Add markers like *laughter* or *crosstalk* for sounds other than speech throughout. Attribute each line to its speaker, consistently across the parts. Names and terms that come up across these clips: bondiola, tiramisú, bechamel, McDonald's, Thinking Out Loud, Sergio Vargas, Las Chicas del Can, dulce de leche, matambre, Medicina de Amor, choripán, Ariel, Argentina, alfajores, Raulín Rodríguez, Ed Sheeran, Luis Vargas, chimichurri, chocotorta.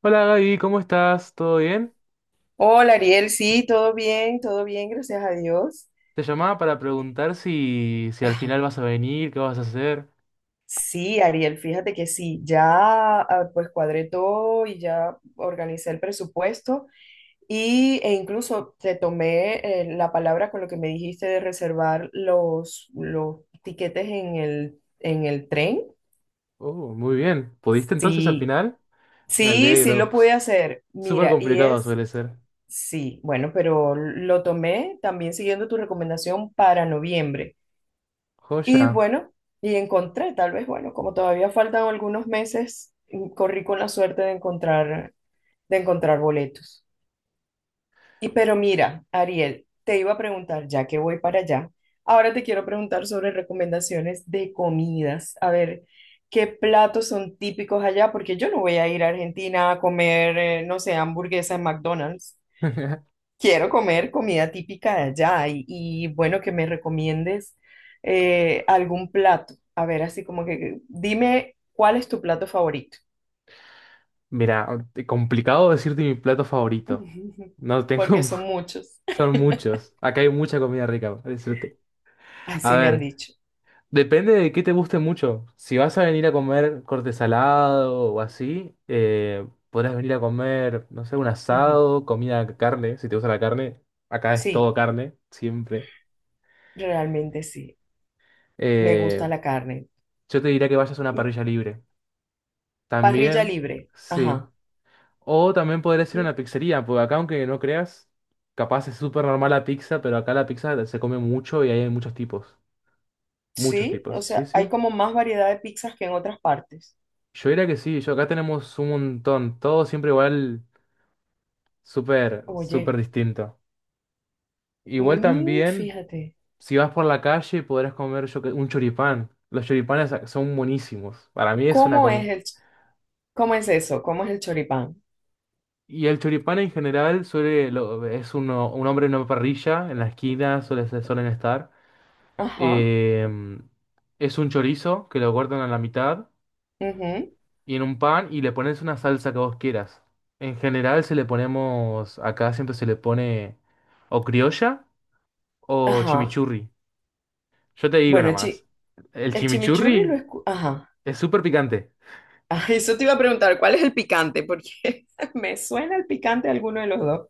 Speaker 1: Hola Gaby, ¿cómo estás? ¿Todo bien?
Speaker 2: Hola Ariel, sí, todo bien, gracias a Dios.
Speaker 1: Te llamaba para preguntar si al final
Speaker 2: Ajá.
Speaker 1: vas a venir, qué vas a hacer.
Speaker 2: Sí, Ariel, fíjate que sí, ya pues cuadré todo y ya organicé el presupuesto y, e incluso te tomé la palabra con lo que me dijiste de reservar los tiquetes en el tren.
Speaker 1: Oh, muy bien. ¿Pudiste entonces al
Speaker 2: Sí,
Speaker 1: final? Me
Speaker 2: sí lo
Speaker 1: alegro.
Speaker 2: pude
Speaker 1: Uf,
Speaker 2: hacer.
Speaker 1: súper
Speaker 2: Mira,
Speaker 1: complicado suele ser.
Speaker 2: sí, bueno, pero lo tomé también siguiendo tu recomendación para noviembre. Y
Speaker 1: Joya.
Speaker 2: bueno, y encontré, tal vez, bueno, como todavía faltan algunos meses, corrí con la suerte de encontrar boletos. Y pero mira, Ariel, te iba a preguntar, ya que voy para allá, ahora te quiero preguntar sobre recomendaciones de comidas. A ver, ¿qué platos son típicos allá? Porque yo no voy a ir a Argentina a comer, no sé, hamburguesa en McDonald's.
Speaker 1: *laughs*
Speaker 2: Quiero comer comida típica de allá bueno, que me recomiendes algún plato. A ver, así como que dime cuál es tu plato favorito.
Speaker 1: Mira, complicado decirte mi plato favorito.
Speaker 2: *laughs*
Speaker 1: No
Speaker 2: Porque
Speaker 1: tengo,
Speaker 2: son muchos.
Speaker 1: *laughs* son muchos.
Speaker 2: *laughs*
Speaker 1: Acá hay mucha comida rica, para decirte. A
Speaker 2: Así me han
Speaker 1: ver,
Speaker 2: dicho.
Speaker 1: depende de qué te guste mucho. Si vas a venir a comer corte salado o así, podrás venir a comer, no sé, un
Speaker 2: Ujú.
Speaker 1: asado, comida, carne, si te gusta la carne. Acá es todo
Speaker 2: Sí,
Speaker 1: carne, siempre.
Speaker 2: realmente sí. Me
Speaker 1: Eh,
Speaker 2: gusta la carne.
Speaker 1: yo te diría que vayas a una
Speaker 2: Y
Speaker 1: parrilla libre.
Speaker 2: parrilla
Speaker 1: También,
Speaker 2: libre.
Speaker 1: sí.
Speaker 2: Ajá.
Speaker 1: O también podrías ir a
Speaker 2: Y
Speaker 1: una pizzería, porque acá, aunque no creas, capaz es súper normal la pizza, pero acá la pizza se come mucho y hay muchos tipos. Muchos
Speaker 2: sí,
Speaker 1: tipos,
Speaker 2: o
Speaker 1: sí,
Speaker 2: sea, hay
Speaker 1: sí.
Speaker 2: como más variedad de pizzas que en otras partes.
Speaker 1: Yo diría que sí, yo acá tenemos un montón. Todo siempre igual. Súper, súper
Speaker 2: Oye,
Speaker 1: distinto. Igual también,
Speaker 2: fíjate.
Speaker 1: si vas por la calle, podrás comer un choripán. Los choripanes son buenísimos. Para mí es una
Speaker 2: ¿Cómo es el, ch- ¿Cómo es eso? ¿Cómo es el choripán?
Speaker 1: Y el choripán en general suele, es uno, un hombre en una parrilla, en la esquina suele, suelen estar.
Speaker 2: Ajá,
Speaker 1: Eh, es un chorizo que lo cortan a la mitad
Speaker 2: ujú,
Speaker 1: y en un pan y le pones una salsa que vos quieras. En general se le ponemos, acá siempre se le pone o criolla o
Speaker 2: ajá.
Speaker 1: chimichurri. Yo te digo nada
Speaker 2: Bueno, chi-
Speaker 1: más, el
Speaker 2: el
Speaker 1: chimichurri
Speaker 2: Ajá. *laughs*
Speaker 1: es súper picante.
Speaker 2: Ah, eso te iba a preguntar, ¿cuál es el picante? Porque *laughs* me suena el picante a alguno de los dos.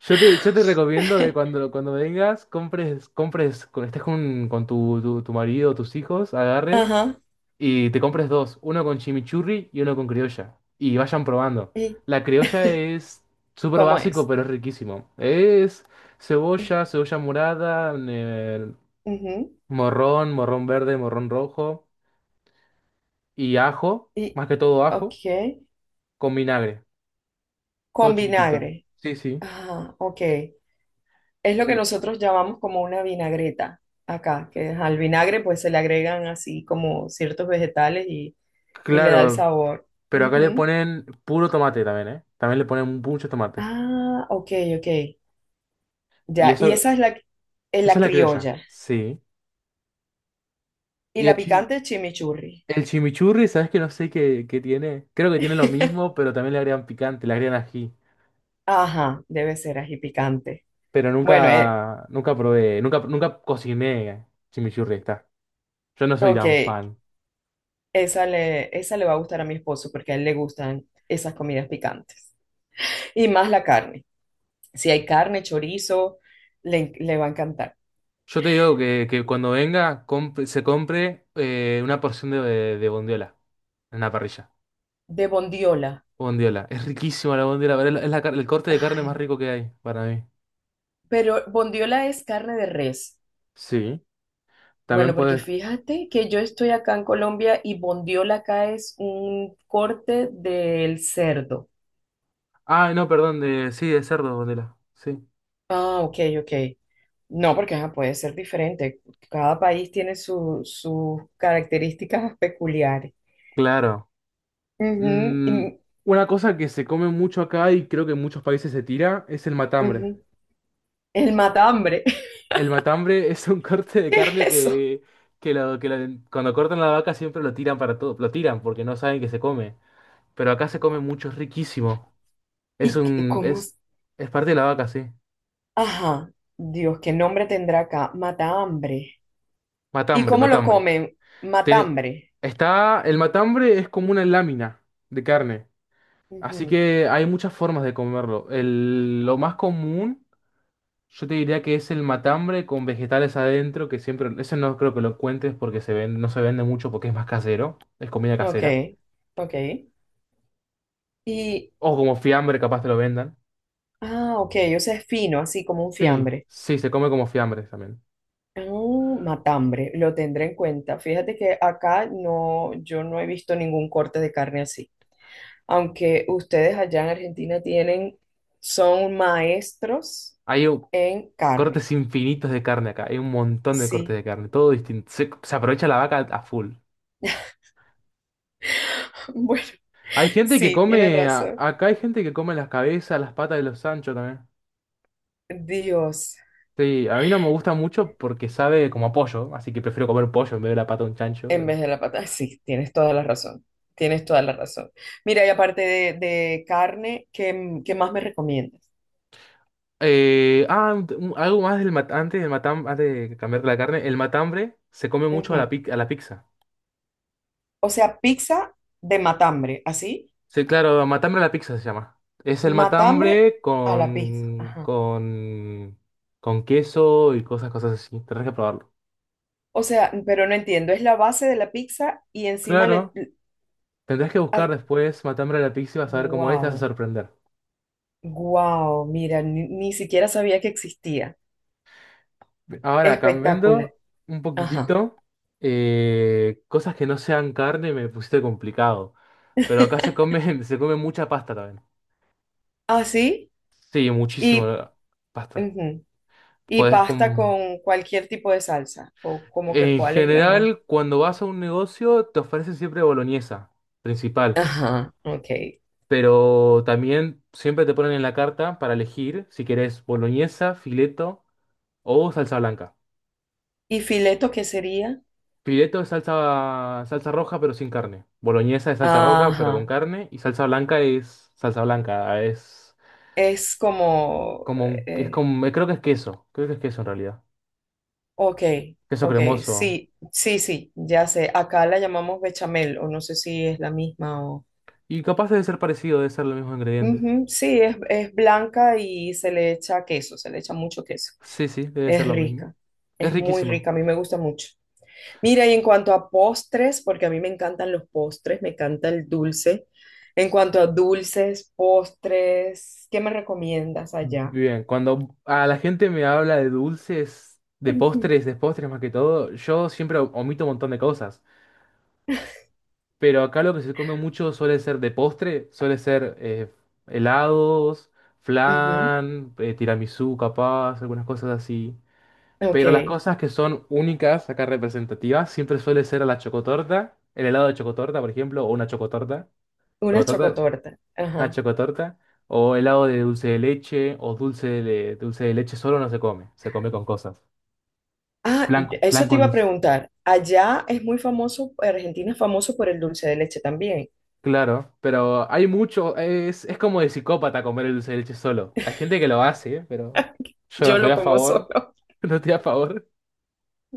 Speaker 1: Yo te recomiendo que
Speaker 2: *laughs*
Speaker 1: cuando vengas, compres, con, estés con tu marido o tus hijos, agarres
Speaker 2: Ajá.
Speaker 1: y te compres dos, uno con chimichurri y uno con criolla. Y vayan probando.
Speaker 2: ¿Y
Speaker 1: La criolla es súper
Speaker 2: cómo
Speaker 1: básico,
Speaker 2: es?
Speaker 1: pero es riquísimo. Es
Speaker 2: Eh,
Speaker 1: cebolla, cebolla morada,
Speaker 2: ujú.
Speaker 1: morrón, morrón verde, morrón rojo y ajo,
Speaker 2: Y,
Speaker 1: más que todo ajo,
Speaker 2: ok.
Speaker 1: con vinagre, todo
Speaker 2: Con
Speaker 1: chiquitito.
Speaker 2: vinagre.
Speaker 1: Sí, sí.
Speaker 2: Ajá, ok. Es lo que
Speaker 1: Y
Speaker 2: nosotros llamamos como una vinagreta acá, que al vinagre pues se le agregan así como ciertos vegetales y le da el
Speaker 1: claro,
Speaker 2: sabor.
Speaker 1: pero acá le
Speaker 2: Ujú.
Speaker 1: ponen puro tomate también, ¿eh? También le ponen mucho tomate.
Speaker 2: Ah, ok.
Speaker 1: Y
Speaker 2: Ya,
Speaker 1: eso, esa
Speaker 2: es
Speaker 1: es
Speaker 2: la
Speaker 1: la criolla.
Speaker 2: criolla.
Speaker 1: Sí.
Speaker 2: Y
Speaker 1: Y
Speaker 2: la picante es chimichurri.
Speaker 1: el chimichurri, ¿sabes que no sé qué, qué tiene? Creo que tiene lo
Speaker 2: *laughs*
Speaker 1: mismo, pero también le agregan picante, le agregan ají.
Speaker 2: Ajá, debe ser ají picante.
Speaker 1: Pero
Speaker 2: Bueno,
Speaker 1: nunca probé, nunca cociné chimichurri, está. Yo no soy
Speaker 2: ok,
Speaker 1: tan fan.
Speaker 2: esa le va a gustar a mi esposo porque a él le gustan esas comidas picantes. Y más la carne. Si hay carne, chorizo, le va a encantar.
Speaker 1: Yo te digo que cuando venga, se compre una porción de bondiola en la parrilla.
Speaker 2: De bondiola.
Speaker 1: Bondiola. Es riquísima la bondiola, pero es el corte de carne más
Speaker 2: Ay,
Speaker 1: rico que hay para mí.
Speaker 2: pero bondiola es carne de res.
Speaker 1: Sí. También
Speaker 2: Bueno, porque
Speaker 1: puedes.
Speaker 2: fíjate que yo estoy acá en Colombia y bondiola acá es un corte del cerdo.
Speaker 1: Ah, no, perdón, sí, de cerdo, bondiola. Sí.
Speaker 2: Ah, ok. No, porque ajá, puede ser diferente. Cada país tiene su- sus características peculiares.
Speaker 1: Claro.
Speaker 2: Ujú,
Speaker 1: Mm,
Speaker 2: y-
Speaker 1: una cosa que se come mucho acá y creo que en muchos países se tira es el matambre.
Speaker 2: ujú. El matambre.
Speaker 1: El matambre es un *laughs* corte
Speaker 2: *laughs*
Speaker 1: de
Speaker 2: ¿Qué es
Speaker 1: carne
Speaker 2: eso?
Speaker 1: que cuando cortan la vaca siempre lo tiran para todo, lo tiran porque no saben que se come. Pero acá se come mucho, es riquísimo. Es
Speaker 2: ¿Y qué-
Speaker 1: un,
Speaker 2: cómo
Speaker 1: es,
Speaker 2: es?
Speaker 1: es parte de la vaca, sí.
Speaker 2: Ajá. Dios, ¿qué nombre tendrá acá? Matambre. ¿Y
Speaker 1: Matambre,
Speaker 2: cómo lo
Speaker 1: matambre.
Speaker 2: comen?
Speaker 1: Te-
Speaker 2: Matambre.
Speaker 1: está, el matambre es como una lámina de carne, así
Speaker 2: Ujú.
Speaker 1: que hay muchas formas de comerlo. El- lo más común, yo te diría que es el matambre con vegetales adentro, que siempre, ese no creo que lo encuentres porque se ven, no se vende mucho porque es más casero, es comida
Speaker 2: Ok,
Speaker 1: casera.
Speaker 2: ok. Y,
Speaker 1: O como fiambre, capaz te lo vendan.
Speaker 2: ah, ok, o sea, es fino, así como un
Speaker 1: Sí,
Speaker 2: fiambre.
Speaker 1: sí, se come como fiambres también.
Speaker 2: Ah, matambre, lo tendré en cuenta. Fíjate que acá no, yo no he visto ningún corte de carne así. Aunque ustedes allá en Argentina tienen, son maestros
Speaker 1: Hay u-
Speaker 2: en carne.
Speaker 1: cortes infinitos de carne acá, hay un montón de cortes
Speaker 2: Sí,
Speaker 1: de carne, todo distinto. Se aprovecha la vaca a full.
Speaker 2: *laughs* bueno,
Speaker 1: Hay gente que
Speaker 2: sí, tienes
Speaker 1: come,
Speaker 2: razón.
Speaker 1: acá hay gente que come las cabezas, las patas de los Sancho también.
Speaker 2: Dios,
Speaker 1: Sí, a mí no me gusta mucho porque sabe como a pollo, así que prefiero comer pollo en vez de la pata de un chancho,
Speaker 2: en
Speaker 1: pero...
Speaker 2: vez de la pata, sí, tienes toda la razón. Tienes toda la razón. Mira, y aparte de carne, ¿qué más me recomiendas?
Speaker 1: Eh, ah, un- algo más antes, antes de cambiar la carne, el matambre se come mucho a la pizza.
Speaker 2: O sea, pizza de matambre, así.
Speaker 1: Sí, claro, matambre a la pizza se llama. Es el
Speaker 2: Matambre
Speaker 1: matambre
Speaker 2: a la pizza. Ajá.
Speaker 1: con queso y cosas, cosas así. Tendrás que probarlo.
Speaker 2: O sea, pero no entiendo. Es la base de la pizza y encima le...
Speaker 1: Claro, tendrás que buscar después matambre a la pizza y vas a ver cómo es, te vas a
Speaker 2: Wow,
Speaker 1: sorprender.
Speaker 2: wow. Mira, ni siquiera sabía que existía.
Speaker 1: Ahora,
Speaker 2: Espectacular.
Speaker 1: cambiando un
Speaker 2: Ajá.
Speaker 1: poquitito, cosas que no sean carne me pusiste complicado. Pero acá se
Speaker 2: *laughs*
Speaker 1: come, *laughs* se come mucha pasta también.
Speaker 2: Así
Speaker 1: Sí, muchísimo
Speaker 2: y,
Speaker 1: la pasta.
Speaker 2: ujú, y
Speaker 1: Podés
Speaker 2: pasta
Speaker 1: com-
Speaker 2: con cualquier tipo de salsa. O como que
Speaker 1: En
Speaker 2: cuál es la más.
Speaker 1: general, cuando vas a un negocio, te ofrecen siempre boloñesa, principal.
Speaker 2: Ajá, ok.
Speaker 1: Pero también siempre te ponen en la carta para elegir si querés boloñesa, fileto o salsa blanca.
Speaker 2: ¿Y fileto qué sería?
Speaker 1: Pireto es salsa, salsa roja pero sin carne. Boloñesa es salsa roja pero con
Speaker 2: Ajá.
Speaker 1: carne. Y salsa blanca es salsa blanca.
Speaker 2: Es como...
Speaker 1: Es
Speaker 2: eh,
Speaker 1: como, creo que es queso. Creo que es queso en realidad.
Speaker 2: ok,
Speaker 1: Queso
Speaker 2: ok,
Speaker 1: cremoso.
Speaker 2: sí, ya sé. Acá la llamamos bechamel, o no sé si es la misma o...
Speaker 1: Y capaz debe ser parecido, debe ser los mismos ingredientes.
Speaker 2: Ujú, sí, es blanca y se le echa queso, se le echa mucho queso.
Speaker 1: Sí, sí, debe ser
Speaker 2: Es
Speaker 1: lo mismo.
Speaker 2: rica,
Speaker 1: Es
Speaker 2: es muy rica,
Speaker 1: riquísimo.
Speaker 2: a mí me gusta mucho. Mira, y en cuanto a postres, porque a mí me encantan los postres, me encanta el dulce. En cuanto a dulces, postres, ¿qué me recomiendas allá?
Speaker 1: Bien, cuando a la gente me habla de dulces,
Speaker 2: *laughs*
Speaker 1: de postres más que todo, yo siempre omito un montón de cosas. Pero acá lo que se come mucho suele ser de postre, suele ser helados,
Speaker 2: Ujú.
Speaker 1: flan, tiramisú capaz, algunas cosas así.
Speaker 2: Ok,
Speaker 1: Pero las cosas que son únicas, acá representativas, siempre suele ser la chocotorta, el helado de chocotorta, por ejemplo, o una chocotorta,
Speaker 2: una
Speaker 1: chocotorta,
Speaker 2: chocotorta.
Speaker 1: una
Speaker 2: Ajá.
Speaker 1: chocotorta, o helado de dulce de leche, o dulce de leche solo no se come, se come con cosas.
Speaker 2: Ah,
Speaker 1: Flan, flan
Speaker 2: eso te
Speaker 1: con
Speaker 2: iba a
Speaker 1: dulce.
Speaker 2: preguntar. Allá es muy famoso, Argentina es famoso por el dulce de leche también.
Speaker 1: Claro, pero hay mucho, es como de psicópata comer el dulce de leche solo. Hay gente que lo hace, ¿eh? Pero
Speaker 2: *laughs*
Speaker 1: yo no
Speaker 2: Yo
Speaker 1: estoy
Speaker 2: lo
Speaker 1: a
Speaker 2: como
Speaker 1: favor,
Speaker 2: solo.
Speaker 1: *laughs* no estoy a favor.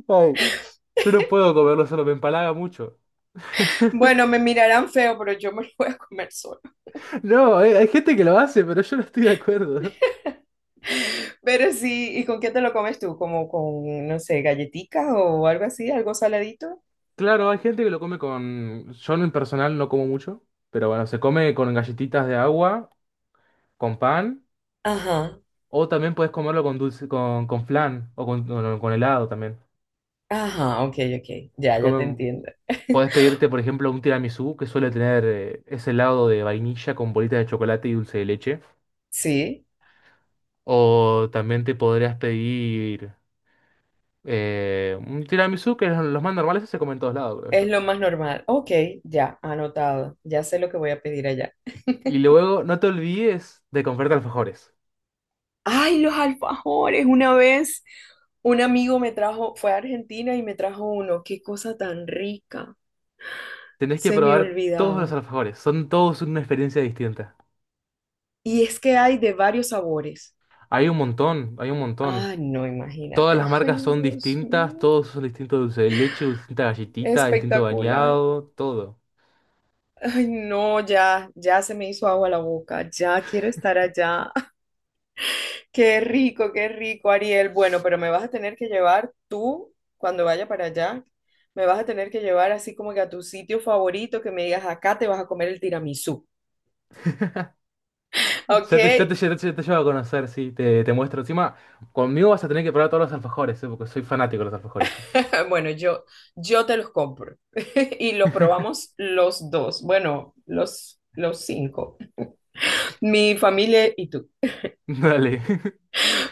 Speaker 1: Ay. Yo no
Speaker 2: *laughs*
Speaker 1: puedo comerlo solo, me empalaga mucho.
Speaker 2: Bueno, me mirarán feo, pero yo me lo voy a comer solo.
Speaker 1: No, hay gente que lo hace, pero yo no estoy de acuerdo.
Speaker 2: *laughs* Pero sí, ¿y con qué te lo comes tú? ¿Como con, no sé, galletitas o algo así, algo saladito?
Speaker 1: Claro, hay gente que lo come con... Yo en personal no como mucho, pero bueno, se come con galletitas de agua, con pan,
Speaker 2: Ajá,
Speaker 1: o también puedes comerlo con dulce, con flan o no, con helado también.
Speaker 2: ajá, ok, ok, ya,
Speaker 1: Se
Speaker 2: ya te
Speaker 1: come
Speaker 2: entiendo. *laughs*
Speaker 1: Podés pedirte, por ejemplo, un tiramisú que suele tener ese lado de vainilla con bolitas de chocolate y dulce de leche.
Speaker 2: Sí,
Speaker 1: O también te podrías pedir un tiramisú que los más normales se comen en todos lados, creo
Speaker 2: es
Speaker 1: yo.
Speaker 2: lo más normal. Ok, ya, anotado, ya sé lo que voy a pedir allá.
Speaker 1: Y luego no te olvides de comprarte alfajores.
Speaker 2: Ay, los alfajores. Una vez un amigo me trajo, fue a Argentina y me trajo uno. Qué cosa tan rica.
Speaker 1: Tenés que
Speaker 2: Se me
Speaker 1: probar todos los
Speaker 2: olvidaba.
Speaker 1: alfajores. Son todos una experiencia distinta.
Speaker 2: Y es que hay de varios sabores.
Speaker 1: Hay un montón, hay un montón.
Speaker 2: Ah, no,
Speaker 1: Todas
Speaker 2: imagínate.
Speaker 1: las
Speaker 2: Ay,
Speaker 1: marcas son
Speaker 2: Dios
Speaker 1: distintas,
Speaker 2: mío.
Speaker 1: todos son distintos dulce de leche, distinta galletita, distinto
Speaker 2: Espectacular.
Speaker 1: bañado, todo.
Speaker 2: Ay, no, ya, ya se me hizo agua la boca. Ya quiero estar allá. Qué rico, Ariel. Bueno, pero me vas a tener que llevar tú, cuando vaya para allá, me vas a tener que llevar así como que a tu sitio favorito, que me digas, acá te vas a comer el tiramisú.
Speaker 1: *laughs*
Speaker 2: ¿Ok?
Speaker 1: Ya te llevo a conocer, te muestro. Encima, conmigo vas a tener que probar todos los alfajores, ¿eh? Porque soy fanático de los alfajores yo.
Speaker 2: *laughs* Bueno, yo te los compro *laughs* y los probamos los dos. Bueno, los cinco. Mi familia y tú.
Speaker 1: *laughs* Dale, *laughs*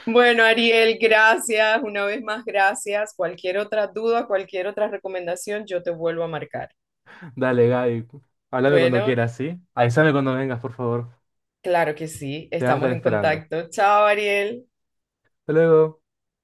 Speaker 2: Bueno, Ariel, gracias. Una vez más, gracias. Cualquier otra duda, cualquier otra recomendación, yo te vuelvo a marcar.
Speaker 1: dale, Gaby. Háblame cuando
Speaker 2: Bueno.
Speaker 1: quieras, ¿sí? Avísame cuando vengas, por favor.
Speaker 2: Claro que sí,
Speaker 1: Te vas a
Speaker 2: estamos
Speaker 1: estar
Speaker 2: en
Speaker 1: esperando.
Speaker 2: contacto. Chao, Ariel.
Speaker 1: Hasta luego.